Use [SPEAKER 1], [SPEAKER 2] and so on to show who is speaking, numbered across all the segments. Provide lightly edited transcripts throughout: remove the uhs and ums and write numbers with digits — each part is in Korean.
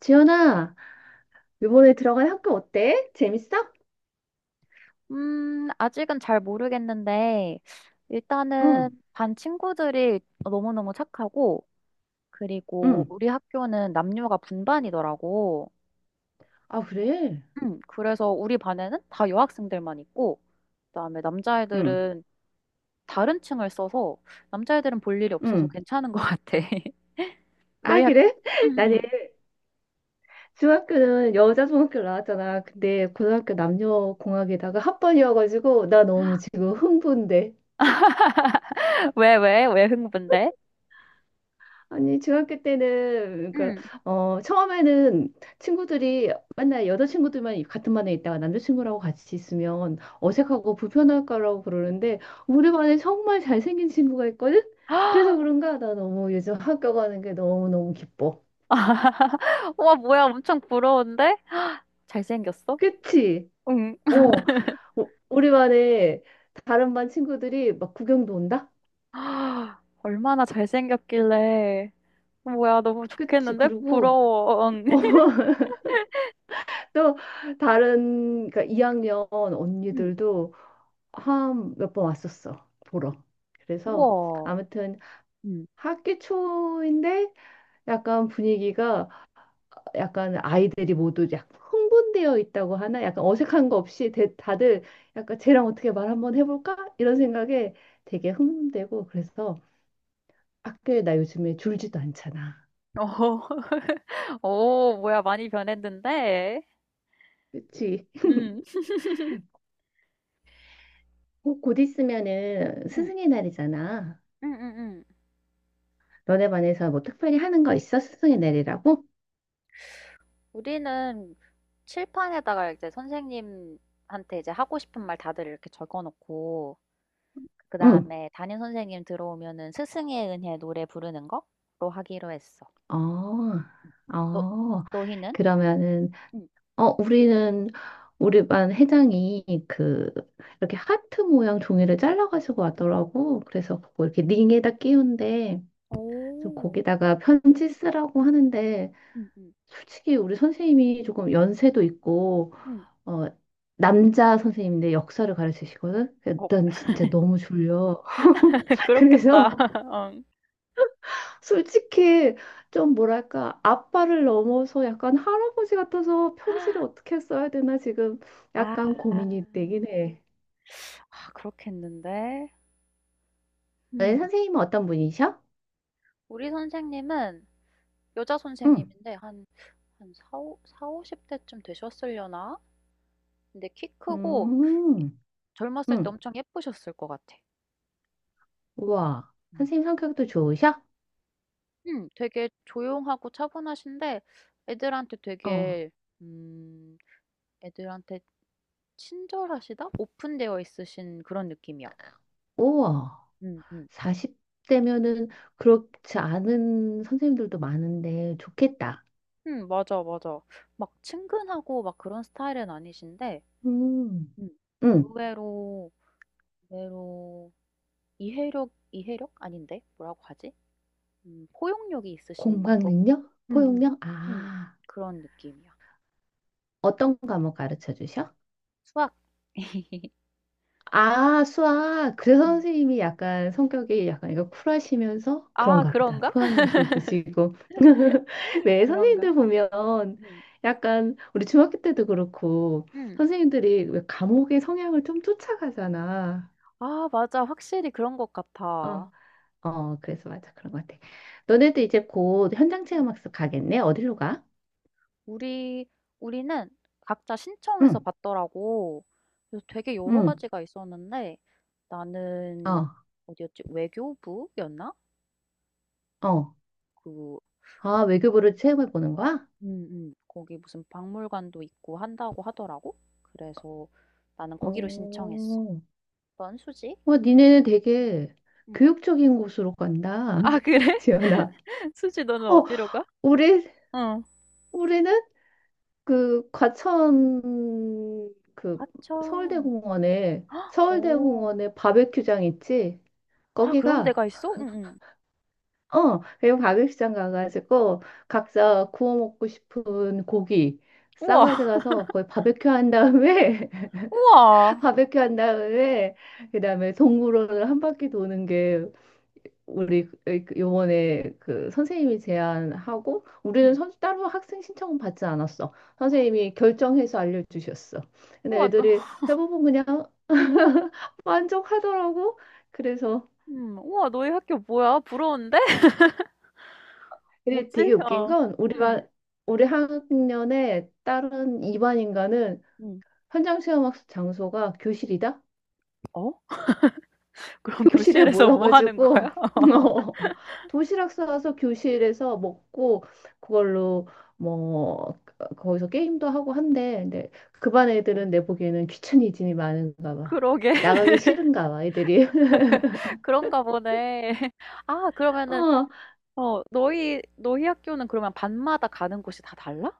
[SPEAKER 1] 지연아, 이번에 들어간 학교 어때? 재밌어?
[SPEAKER 2] 아직은 잘 모르겠는데,
[SPEAKER 1] 응,
[SPEAKER 2] 일단은 반 친구들이 너무너무 착하고, 그리고
[SPEAKER 1] 응.
[SPEAKER 2] 우리 학교는 남녀가 분반이더라고.
[SPEAKER 1] 아, 그래?
[SPEAKER 2] 그래서 우리 반에는 다 여학생들만 있고, 그다음에
[SPEAKER 1] 응,
[SPEAKER 2] 남자애들은 다른 층을 써서, 남자애들은 볼 일이 없어서
[SPEAKER 1] 응.
[SPEAKER 2] 괜찮은 것 같아. 너희
[SPEAKER 1] 아,
[SPEAKER 2] 학,
[SPEAKER 1] 그래?
[SPEAKER 2] 음,
[SPEAKER 1] 나는 중학교는 여자 중학교 나왔잖아. 근데 고등학교 남녀 공학에다가 합반이어가지고 나 너무 지금 흥분돼.
[SPEAKER 2] 왜, 왜, 왜 흥분돼?
[SPEAKER 1] 아니, 중학교 때는, 그니까
[SPEAKER 2] 음.
[SPEAKER 1] 처음에는 친구들이 맨날 여자친구들만 같은 반에 있다가 남자친구라고 같이 있으면
[SPEAKER 2] 음.
[SPEAKER 1] 어색하고 불편할 거라고 그러는데, 우리 반에 정말 잘생긴 친구가 있거든? 그래서 그런가? 나 너무 요즘 학교 가는 게 너무너무 기뻐.
[SPEAKER 2] 와, 뭐야, 엄청 부러운데? 잘생겼어?
[SPEAKER 1] 그치?
[SPEAKER 2] 응.
[SPEAKER 1] 어, 우리 반에 다른 반 친구들이 막 구경도 온다?
[SPEAKER 2] 아, 얼마나 잘생겼길래. 뭐야, 너무
[SPEAKER 1] 그치?
[SPEAKER 2] 좋겠는데?
[SPEAKER 1] 그리고
[SPEAKER 2] 부러워.
[SPEAKER 1] 또 다른, 그러니까 2학년
[SPEAKER 2] 응.
[SPEAKER 1] 언니들도 한 몇 번 왔었어 보러. 그래서
[SPEAKER 2] 우와.
[SPEAKER 1] 아무튼
[SPEAKER 2] 응
[SPEAKER 1] 학기 초인데 약간 분위기가 약간 아이들이 모두 약간 흥분되어 있다고 하나 약간 어색한 거 없이 다들 약간 쟤랑 어떻게 말 한번 해볼까 이런 생각에 되게 흥분되고 그래서 학교에 나 요즘에 줄지도 않잖아.
[SPEAKER 2] 어, 오, 뭐야, 많이 변했는데?
[SPEAKER 1] 그치?
[SPEAKER 2] 응.
[SPEAKER 1] 곧 있으면은
[SPEAKER 2] 응,
[SPEAKER 1] 스승의 날이잖아.
[SPEAKER 2] 응, 응, 응.
[SPEAKER 1] 너네 반에서 뭐 특별히 하는 거 있어? 스승의 날이라고?
[SPEAKER 2] 우리는 칠판에다가 이제 선생님한테 이제 하고 싶은 말 다들 이렇게 적어놓고, 그
[SPEAKER 1] 응.
[SPEAKER 2] 다음에 담임 선생님 들어오면은 스승의 은혜 노래 부르는 거로 하기로 했어.
[SPEAKER 1] 어,
[SPEAKER 2] 너,
[SPEAKER 1] 어,
[SPEAKER 2] 너희는?
[SPEAKER 1] 그러면은,
[SPEAKER 2] 응,
[SPEAKER 1] 어, 우리는, 우리 반 회장이
[SPEAKER 2] 응,
[SPEAKER 1] 그, 이렇게 하트 모양 종이를 잘라가지고 왔더라고. 그래서 그거 이렇게 링에다 끼운데, 좀
[SPEAKER 2] 오.
[SPEAKER 1] 거기다가 편지 쓰라고 하는데,
[SPEAKER 2] 응 응,
[SPEAKER 1] 솔직히 우리 선생님이 조금 연세도 있고,
[SPEAKER 2] 응.
[SPEAKER 1] 어, 남자 선생님인데 역사를 가르치시거든?
[SPEAKER 2] 어
[SPEAKER 1] 일단 진짜 너무 졸려. 그래서
[SPEAKER 2] 그렇겠다. 응.
[SPEAKER 1] 솔직히 좀 뭐랄까 아빠를 넘어서 약간 할아버지 같아서 편지를 어떻게 써야 되나 지금
[SPEAKER 2] 아.
[SPEAKER 1] 약간 고민이 되긴 해.
[SPEAKER 2] 아 그렇겠는데.
[SPEAKER 1] 네,
[SPEAKER 2] 음.
[SPEAKER 1] 선생님은 어떤 분이셔?
[SPEAKER 2] 우리 선생님은 여자
[SPEAKER 1] 응.
[SPEAKER 2] 선생님인데 한 한4사오5 0 대쯤 되셨으려나? 근데 키 크고
[SPEAKER 1] 음.
[SPEAKER 2] 젊었을 때
[SPEAKER 1] 응.
[SPEAKER 2] 엄청 예쁘셨을 것 같아.
[SPEAKER 1] 우와.
[SPEAKER 2] 음.
[SPEAKER 1] 선생님 성격도 좋으셔?
[SPEAKER 2] 되게 조용하고 차분하신데 애들한테
[SPEAKER 1] 어.
[SPEAKER 2] 되게 음 애들한테 친절하시다? 오픈되어 있으신 그런 느낌이야.
[SPEAKER 1] 우와.
[SPEAKER 2] 음음.
[SPEAKER 1] 40대면은 그렇지 않은 선생님들도 많은데 좋겠다.
[SPEAKER 2] 맞아, 맞아. 막 친근하고 막 그런 스타일은 아니신데
[SPEAKER 1] 음.
[SPEAKER 2] 음
[SPEAKER 1] 응.
[SPEAKER 2] 의외로 의외로 이해력 이해력? 아닌데 뭐라고 하지? 포용력이 있으신
[SPEAKER 1] 공부학
[SPEAKER 2] 것
[SPEAKER 1] 능력?
[SPEAKER 2] 음음.
[SPEAKER 1] 포용력?
[SPEAKER 2] 음. 음.
[SPEAKER 1] 아.
[SPEAKER 2] 그런 느낌이야.
[SPEAKER 1] 어떤 과목 가르쳐 주셔?
[SPEAKER 2] 수학.
[SPEAKER 1] 아, 수학. 그래서
[SPEAKER 2] 음.
[SPEAKER 1] 선생님이 약간 성격이 약간 이거 쿨하시면서
[SPEAKER 2] 아
[SPEAKER 1] 그런가 보다.
[SPEAKER 2] 그런가?
[SPEAKER 1] 포용력도 있으시고. 네,
[SPEAKER 2] 그런가?
[SPEAKER 1] 선생님들 보면
[SPEAKER 2] 음음.
[SPEAKER 1] 약간 우리 중학교 때도 그렇고
[SPEAKER 2] 음. 음.
[SPEAKER 1] 선생님들이 왜 감옥의 성향을 좀 쫓아가잖아.
[SPEAKER 2] 아 맞아. 확실히 그런 것
[SPEAKER 1] 어,
[SPEAKER 2] 같아.
[SPEAKER 1] 어, 그래서 맞아. 그런 것 같아. 너네도 이제 곧 현장
[SPEAKER 2] 음.
[SPEAKER 1] 체험학습 가겠네? 어디로 가?
[SPEAKER 2] 우리 우리는 각자 신청해서
[SPEAKER 1] 응,
[SPEAKER 2] 받더라고. 그래서 되게 여러
[SPEAKER 1] 응,
[SPEAKER 2] 가지가 있었는데 나는
[SPEAKER 1] 어,
[SPEAKER 2] 어디였지? 외교부였나?
[SPEAKER 1] 어.
[SPEAKER 2] 그
[SPEAKER 1] 아, 외교부를 체험해 보는 거야?
[SPEAKER 2] 거기 무슨 박물관도 있고 한다고 하더라고. 그래서 나는 거기로 신청했어.
[SPEAKER 1] 오.
[SPEAKER 2] 넌 수지?
[SPEAKER 1] 니네는
[SPEAKER 2] 응.
[SPEAKER 1] 되게
[SPEAKER 2] 응.
[SPEAKER 1] 교육적인 곳으로 간다.
[SPEAKER 2] 아, 그래?
[SPEAKER 1] 지연아.
[SPEAKER 2] 수지 너는
[SPEAKER 1] 어,
[SPEAKER 2] 어디로 가?
[SPEAKER 1] 우리,
[SPEAKER 2] 응.
[SPEAKER 1] 우리는 그 과천 그
[SPEAKER 2] 과천.
[SPEAKER 1] 서울대공원에,
[SPEAKER 2] 오.
[SPEAKER 1] 서울대공원에 바베큐장 있지?
[SPEAKER 2] 아, 그런
[SPEAKER 1] 거기가,
[SPEAKER 2] 데가 있어? 응, 응.
[SPEAKER 1] 그리고 바베큐장 가가지고 각자 구워 먹고 싶은 고기 싸가지
[SPEAKER 2] 우와.
[SPEAKER 1] 가서 거기 바베큐 한 다음에,
[SPEAKER 2] 우와,
[SPEAKER 1] 바베큐 한 다음에, 그 다음에 동물원을 한 바퀴 도는 게 우리 요번에 그 선생님이 제안하고 우리는
[SPEAKER 2] 응.
[SPEAKER 1] 따로 학생 신청은 받지 않았어. 선생님이 결정해서 알려주셨어. 근데
[SPEAKER 2] 우와,
[SPEAKER 1] 애들이 대부분 그냥 만족하더라고. 그래서
[SPEAKER 2] 우와 너희 학교 뭐야? 부러운데?
[SPEAKER 1] 근데 되게
[SPEAKER 2] 뭐지?
[SPEAKER 1] 웃긴
[SPEAKER 2] 어.
[SPEAKER 1] 건 우리
[SPEAKER 2] 음.
[SPEAKER 1] 반 우리 학년에 다른 이반 인가는
[SPEAKER 2] 음.
[SPEAKER 1] 현장 체험 학습 장소가 교실이다.
[SPEAKER 2] 어? 그럼
[SPEAKER 1] 교실에
[SPEAKER 2] 교실에서 뭐 하는
[SPEAKER 1] 모여가지고
[SPEAKER 2] 거야?
[SPEAKER 1] 어, 도시락 싸와서 교실에서 먹고 그걸로 뭐 거기서 게임도 하고 한대. 근데 그 반 애들은 내 보기에는 귀차니즘이 많은가 봐.
[SPEAKER 2] 그러게.
[SPEAKER 1] 나가기 싫은가 봐, 애들이.
[SPEAKER 2] 그런가 보네. 아 그러면은
[SPEAKER 1] 어,
[SPEAKER 2] 어 너희 학교는 그러면 반마다 가는 곳이 다 달라?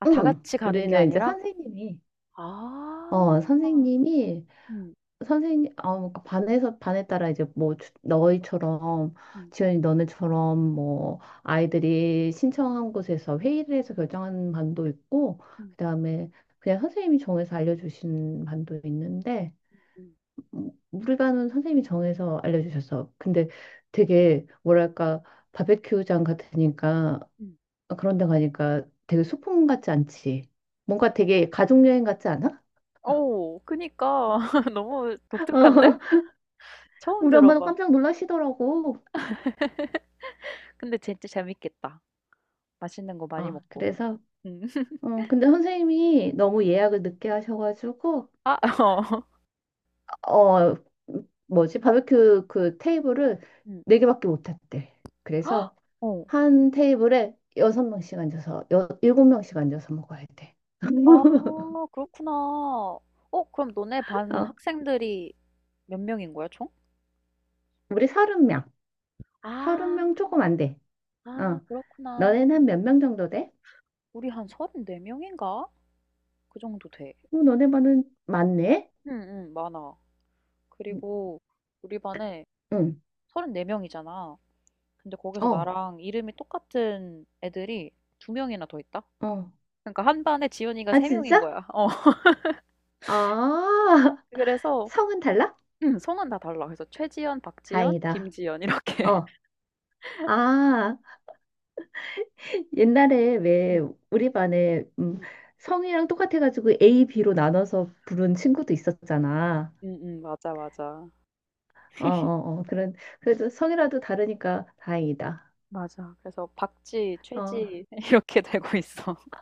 [SPEAKER 2] 아 다
[SPEAKER 1] 응.
[SPEAKER 2] 같이 가는 게
[SPEAKER 1] 우리는 이제
[SPEAKER 2] 아니라?
[SPEAKER 1] 선생님이
[SPEAKER 2] 아.
[SPEAKER 1] 어, 선생님이
[SPEAKER 2] 음.
[SPEAKER 1] 그러니까 반에 따라 이제 뭐, 너희처럼,
[SPEAKER 2] 음.
[SPEAKER 1] 지연이 너네처럼 뭐, 아이들이 신청한 곳에서 회의를 해서 결정하는 반도 있고,
[SPEAKER 2] 음.
[SPEAKER 1] 그다음에 그냥 선생님이 정해서 알려주신 반도 있는데,
[SPEAKER 2] 음.
[SPEAKER 1] 우리 반은 선생님이 정해서 알려주셨어. 근데 되게, 뭐랄까, 바베큐장 같으니까,
[SPEAKER 2] 음.
[SPEAKER 1] 그런 데 가니까 되게 소풍 같지 않지? 뭔가 되게 가족여행 같지 않아?
[SPEAKER 2] 어 그니까. 너무 독특한데?
[SPEAKER 1] 어,
[SPEAKER 2] 처음
[SPEAKER 1] 우리 엄마도
[SPEAKER 2] 들어봐.
[SPEAKER 1] 깜짝 놀라시더라고.
[SPEAKER 2] 근데 진짜 재밌겠다. 맛있는 거 많이
[SPEAKER 1] 어,
[SPEAKER 2] 먹고.
[SPEAKER 1] 그래서,
[SPEAKER 2] 음.
[SPEAKER 1] 근데 선생님이 너무 예약을 늦게 하셔가지고,
[SPEAKER 2] 아 어.
[SPEAKER 1] 어, 뭐지, 바베큐 그 테이블을
[SPEAKER 2] 음.
[SPEAKER 1] 네개밖에못 했대.
[SPEAKER 2] 헉!
[SPEAKER 1] 그래서
[SPEAKER 2] 어.
[SPEAKER 1] 한 테이블에 여섯 명씩 앉아서, 여, 일곱 명씩 앉아서 먹어야 돼.
[SPEAKER 2] 아 그렇구나. 어 그럼 너네 반
[SPEAKER 1] 어,
[SPEAKER 2] 학생들이 몇 명인 거야, 총?
[SPEAKER 1] 우리 서른
[SPEAKER 2] 아,
[SPEAKER 1] 명 조금 안 돼.
[SPEAKER 2] 아
[SPEAKER 1] 어,
[SPEAKER 2] 그렇구나.
[SPEAKER 1] 너네는 한 몇 명 정도 돼?
[SPEAKER 2] 우리 한 34명인가? 그 정도 돼.
[SPEAKER 1] 너네 반은 많네?
[SPEAKER 2] 응, 응, 많아. 그리고 우리 반에
[SPEAKER 1] 응,
[SPEAKER 2] 34명이잖아. 근데 거기서
[SPEAKER 1] 어,
[SPEAKER 2] 나랑 이름이 똑같은 애들이 두 명이나 더 있다?
[SPEAKER 1] 어.
[SPEAKER 2] 그러니까 한 반에 지연이가
[SPEAKER 1] 아,
[SPEAKER 2] 세 명인
[SPEAKER 1] 진짜?
[SPEAKER 2] 거야. 어.
[SPEAKER 1] 아,
[SPEAKER 2] 그래서
[SPEAKER 1] 성은 달라?
[SPEAKER 2] 응, 성은 다 달라. 그래서 최지연, 박지연,
[SPEAKER 1] 다행이다.
[SPEAKER 2] 김지연 이렇게.
[SPEAKER 1] 어, 아, 옛날에 왜
[SPEAKER 2] 응,
[SPEAKER 1] 우리 반에
[SPEAKER 2] 응,
[SPEAKER 1] 성이랑 똑같아가지고 A, B로 나눠서 부른 친구도 있었잖아.
[SPEAKER 2] 응, 응, 맞아, 맞아.
[SPEAKER 1] 어, 어, 어, 그런, 그래도 성이라도 다르니까 다행이다.
[SPEAKER 2] 맞아. 그래서 박쥐,
[SPEAKER 1] 어,
[SPEAKER 2] 최쥐 이렇게 되고 있어.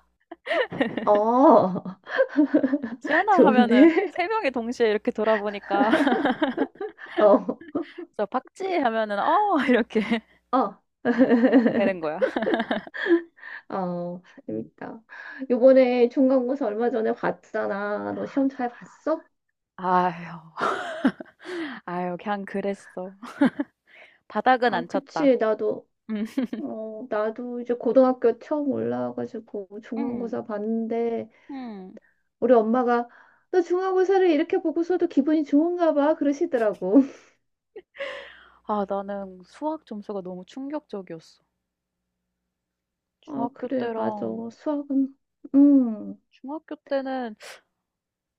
[SPEAKER 1] 어,
[SPEAKER 2] 지연아 하면은
[SPEAKER 1] 좋은데?
[SPEAKER 2] 세 명이 동시에 이렇게 돌아보니까
[SPEAKER 1] 어,
[SPEAKER 2] 그래서 박쥐 하면은 "어." 이렇게
[SPEAKER 1] 어.
[SPEAKER 2] 되는 거야.
[SPEAKER 1] 어,
[SPEAKER 2] 음.
[SPEAKER 1] 재밌다. 요번에 중간고사 얼마 전에 봤잖아. 너 시험 잘 봤어?
[SPEAKER 2] 아유. 아유 그냥 그랬어. 바닥은
[SPEAKER 1] 아,
[SPEAKER 2] 안 쳤다.
[SPEAKER 1] 그치. 나도,
[SPEAKER 2] 음.
[SPEAKER 1] 나도 이제 고등학교 처음 올라와가지고
[SPEAKER 2] 음.
[SPEAKER 1] 중간고사 봤는데,
[SPEAKER 2] 음.
[SPEAKER 1] 우리 엄마가 너 중간고사를 이렇게 보고서도 기분이 좋은가 봐 그러시더라고.
[SPEAKER 2] 아 나는 수학 점수가 너무 충격적이었어.
[SPEAKER 1] 아,
[SPEAKER 2] 중학교
[SPEAKER 1] 그래, 맞아.
[SPEAKER 2] 때랑
[SPEAKER 1] 수학은, 음,
[SPEAKER 2] 중학교 때는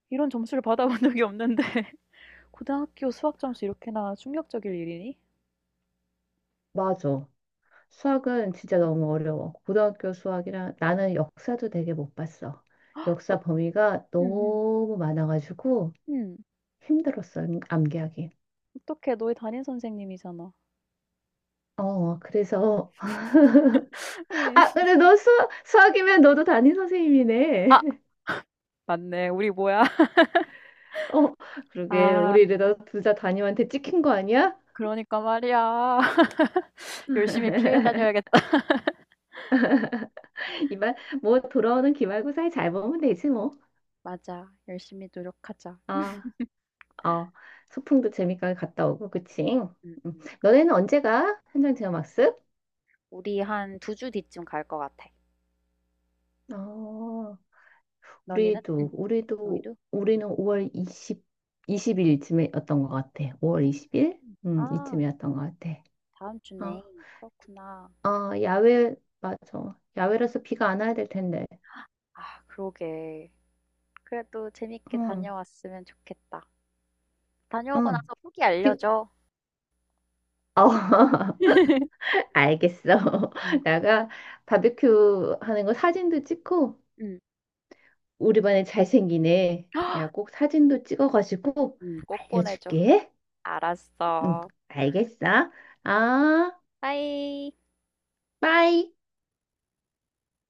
[SPEAKER 2] 이런 점수를 받아본 적이 없는데 고등학교 수학 점수 이렇게나 충격적일 일이니?
[SPEAKER 1] 맞아. 수학은 진짜 너무 어려워. 고등학교 수학이랑 나는 역사도 되게 못 봤어.
[SPEAKER 2] 어
[SPEAKER 1] 역사 범위가
[SPEAKER 2] 음음.
[SPEAKER 1] 너무 많아가지고
[SPEAKER 2] 음. 음.
[SPEAKER 1] 힘들었어, 암기하기.
[SPEAKER 2] 어떡해. 너희 담임 선생님이잖아.
[SPEAKER 1] 어, 그래서.
[SPEAKER 2] 음.
[SPEAKER 1] 아, 그래, 너 수학, 수학이면 너도 담임
[SPEAKER 2] 아,
[SPEAKER 1] 선생님이네.
[SPEAKER 2] 맞네. 우리 뭐야?
[SPEAKER 1] 어, 그러게.
[SPEAKER 2] 아,
[SPEAKER 1] 우리 이러다 둘 다 담임한테 찍힌 거 아니야?
[SPEAKER 2] 그러니까 말이야. 열심히 피해 다녀야겠다.
[SPEAKER 1] 기말 뭐 돌아오는 기말고사에 잘 보면 되지 뭐.
[SPEAKER 2] 맞아. 열심히 노력하자.
[SPEAKER 1] 아, 어, 소풍도 재밌게 갔다 오고 그치?
[SPEAKER 2] 음,
[SPEAKER 1] 음.
[SPEAKER 2] 음.
[SPEAKER 1] 너네는 언제 가? 현장 체험학습?
[SPEAKER 2] 우리 한 두 주 뒤쯤 갈 것 같아.
[SPEAKER 1] 어,
[SPEAKER 2] 너희는?
[SPEAKER 1] 우리도
[SPEAKER 2] 응.
[SPEAKER 1] 우리도
[SPEAKER 2] 너희도? 응.
[SPEAKER 1] 우리는 5월 20 20일쯤이었던 것 같아. 5월
[SPEAKER 2] 음.
[SPEAKER 1] 20일?
[SPEAKER 2] 아,
[SPEAKER 1] 이쯤이었던 것 같아.
[SPEAKER 2] 다음
[SPEAKER 1] 어,
[SPEAKER 2] 주네. 그렇구나.
[SPEAKER 1] 어, 야외 맞아. 야외라서 비가 안 와야 될 텐데.
[SPEAKER 2] 아, 그러게. 그래도 재밌게
[SPEAKER 1] 응,
[SPEAKER 2] 다녀왔으면 좋겠다. 다녀오고
[SPEAKER 1] 응.
[SPEAKER 2] 나서 후기
[SPEAKER 1] 비,
[SPEAKER 2] 알려줘.
[SPEAKER 1] 어, 알겠어.
[SPEAKER 2] 응,
[SPEAKER 1] 내가 바비큐 하는 거 사진도 찍고
[SPEAKER 2] 응,
[SPEAKER 1] 우리 반에 잘생긴 애 내가 꼭 사진도 찍어가지고
[SPEAKER 2] 응. 꼭 보내줘.
[SPEAKER 1] 알려줄게. 응,
[SPEAKER 2] 알았어.
[SPEAKER 1] 알겠어.
[SPEAKER 2] 음.
[SPEAKER 1] 아,
[SPEAKER 2] 빠이.
[SPEAKER 1] 빠이.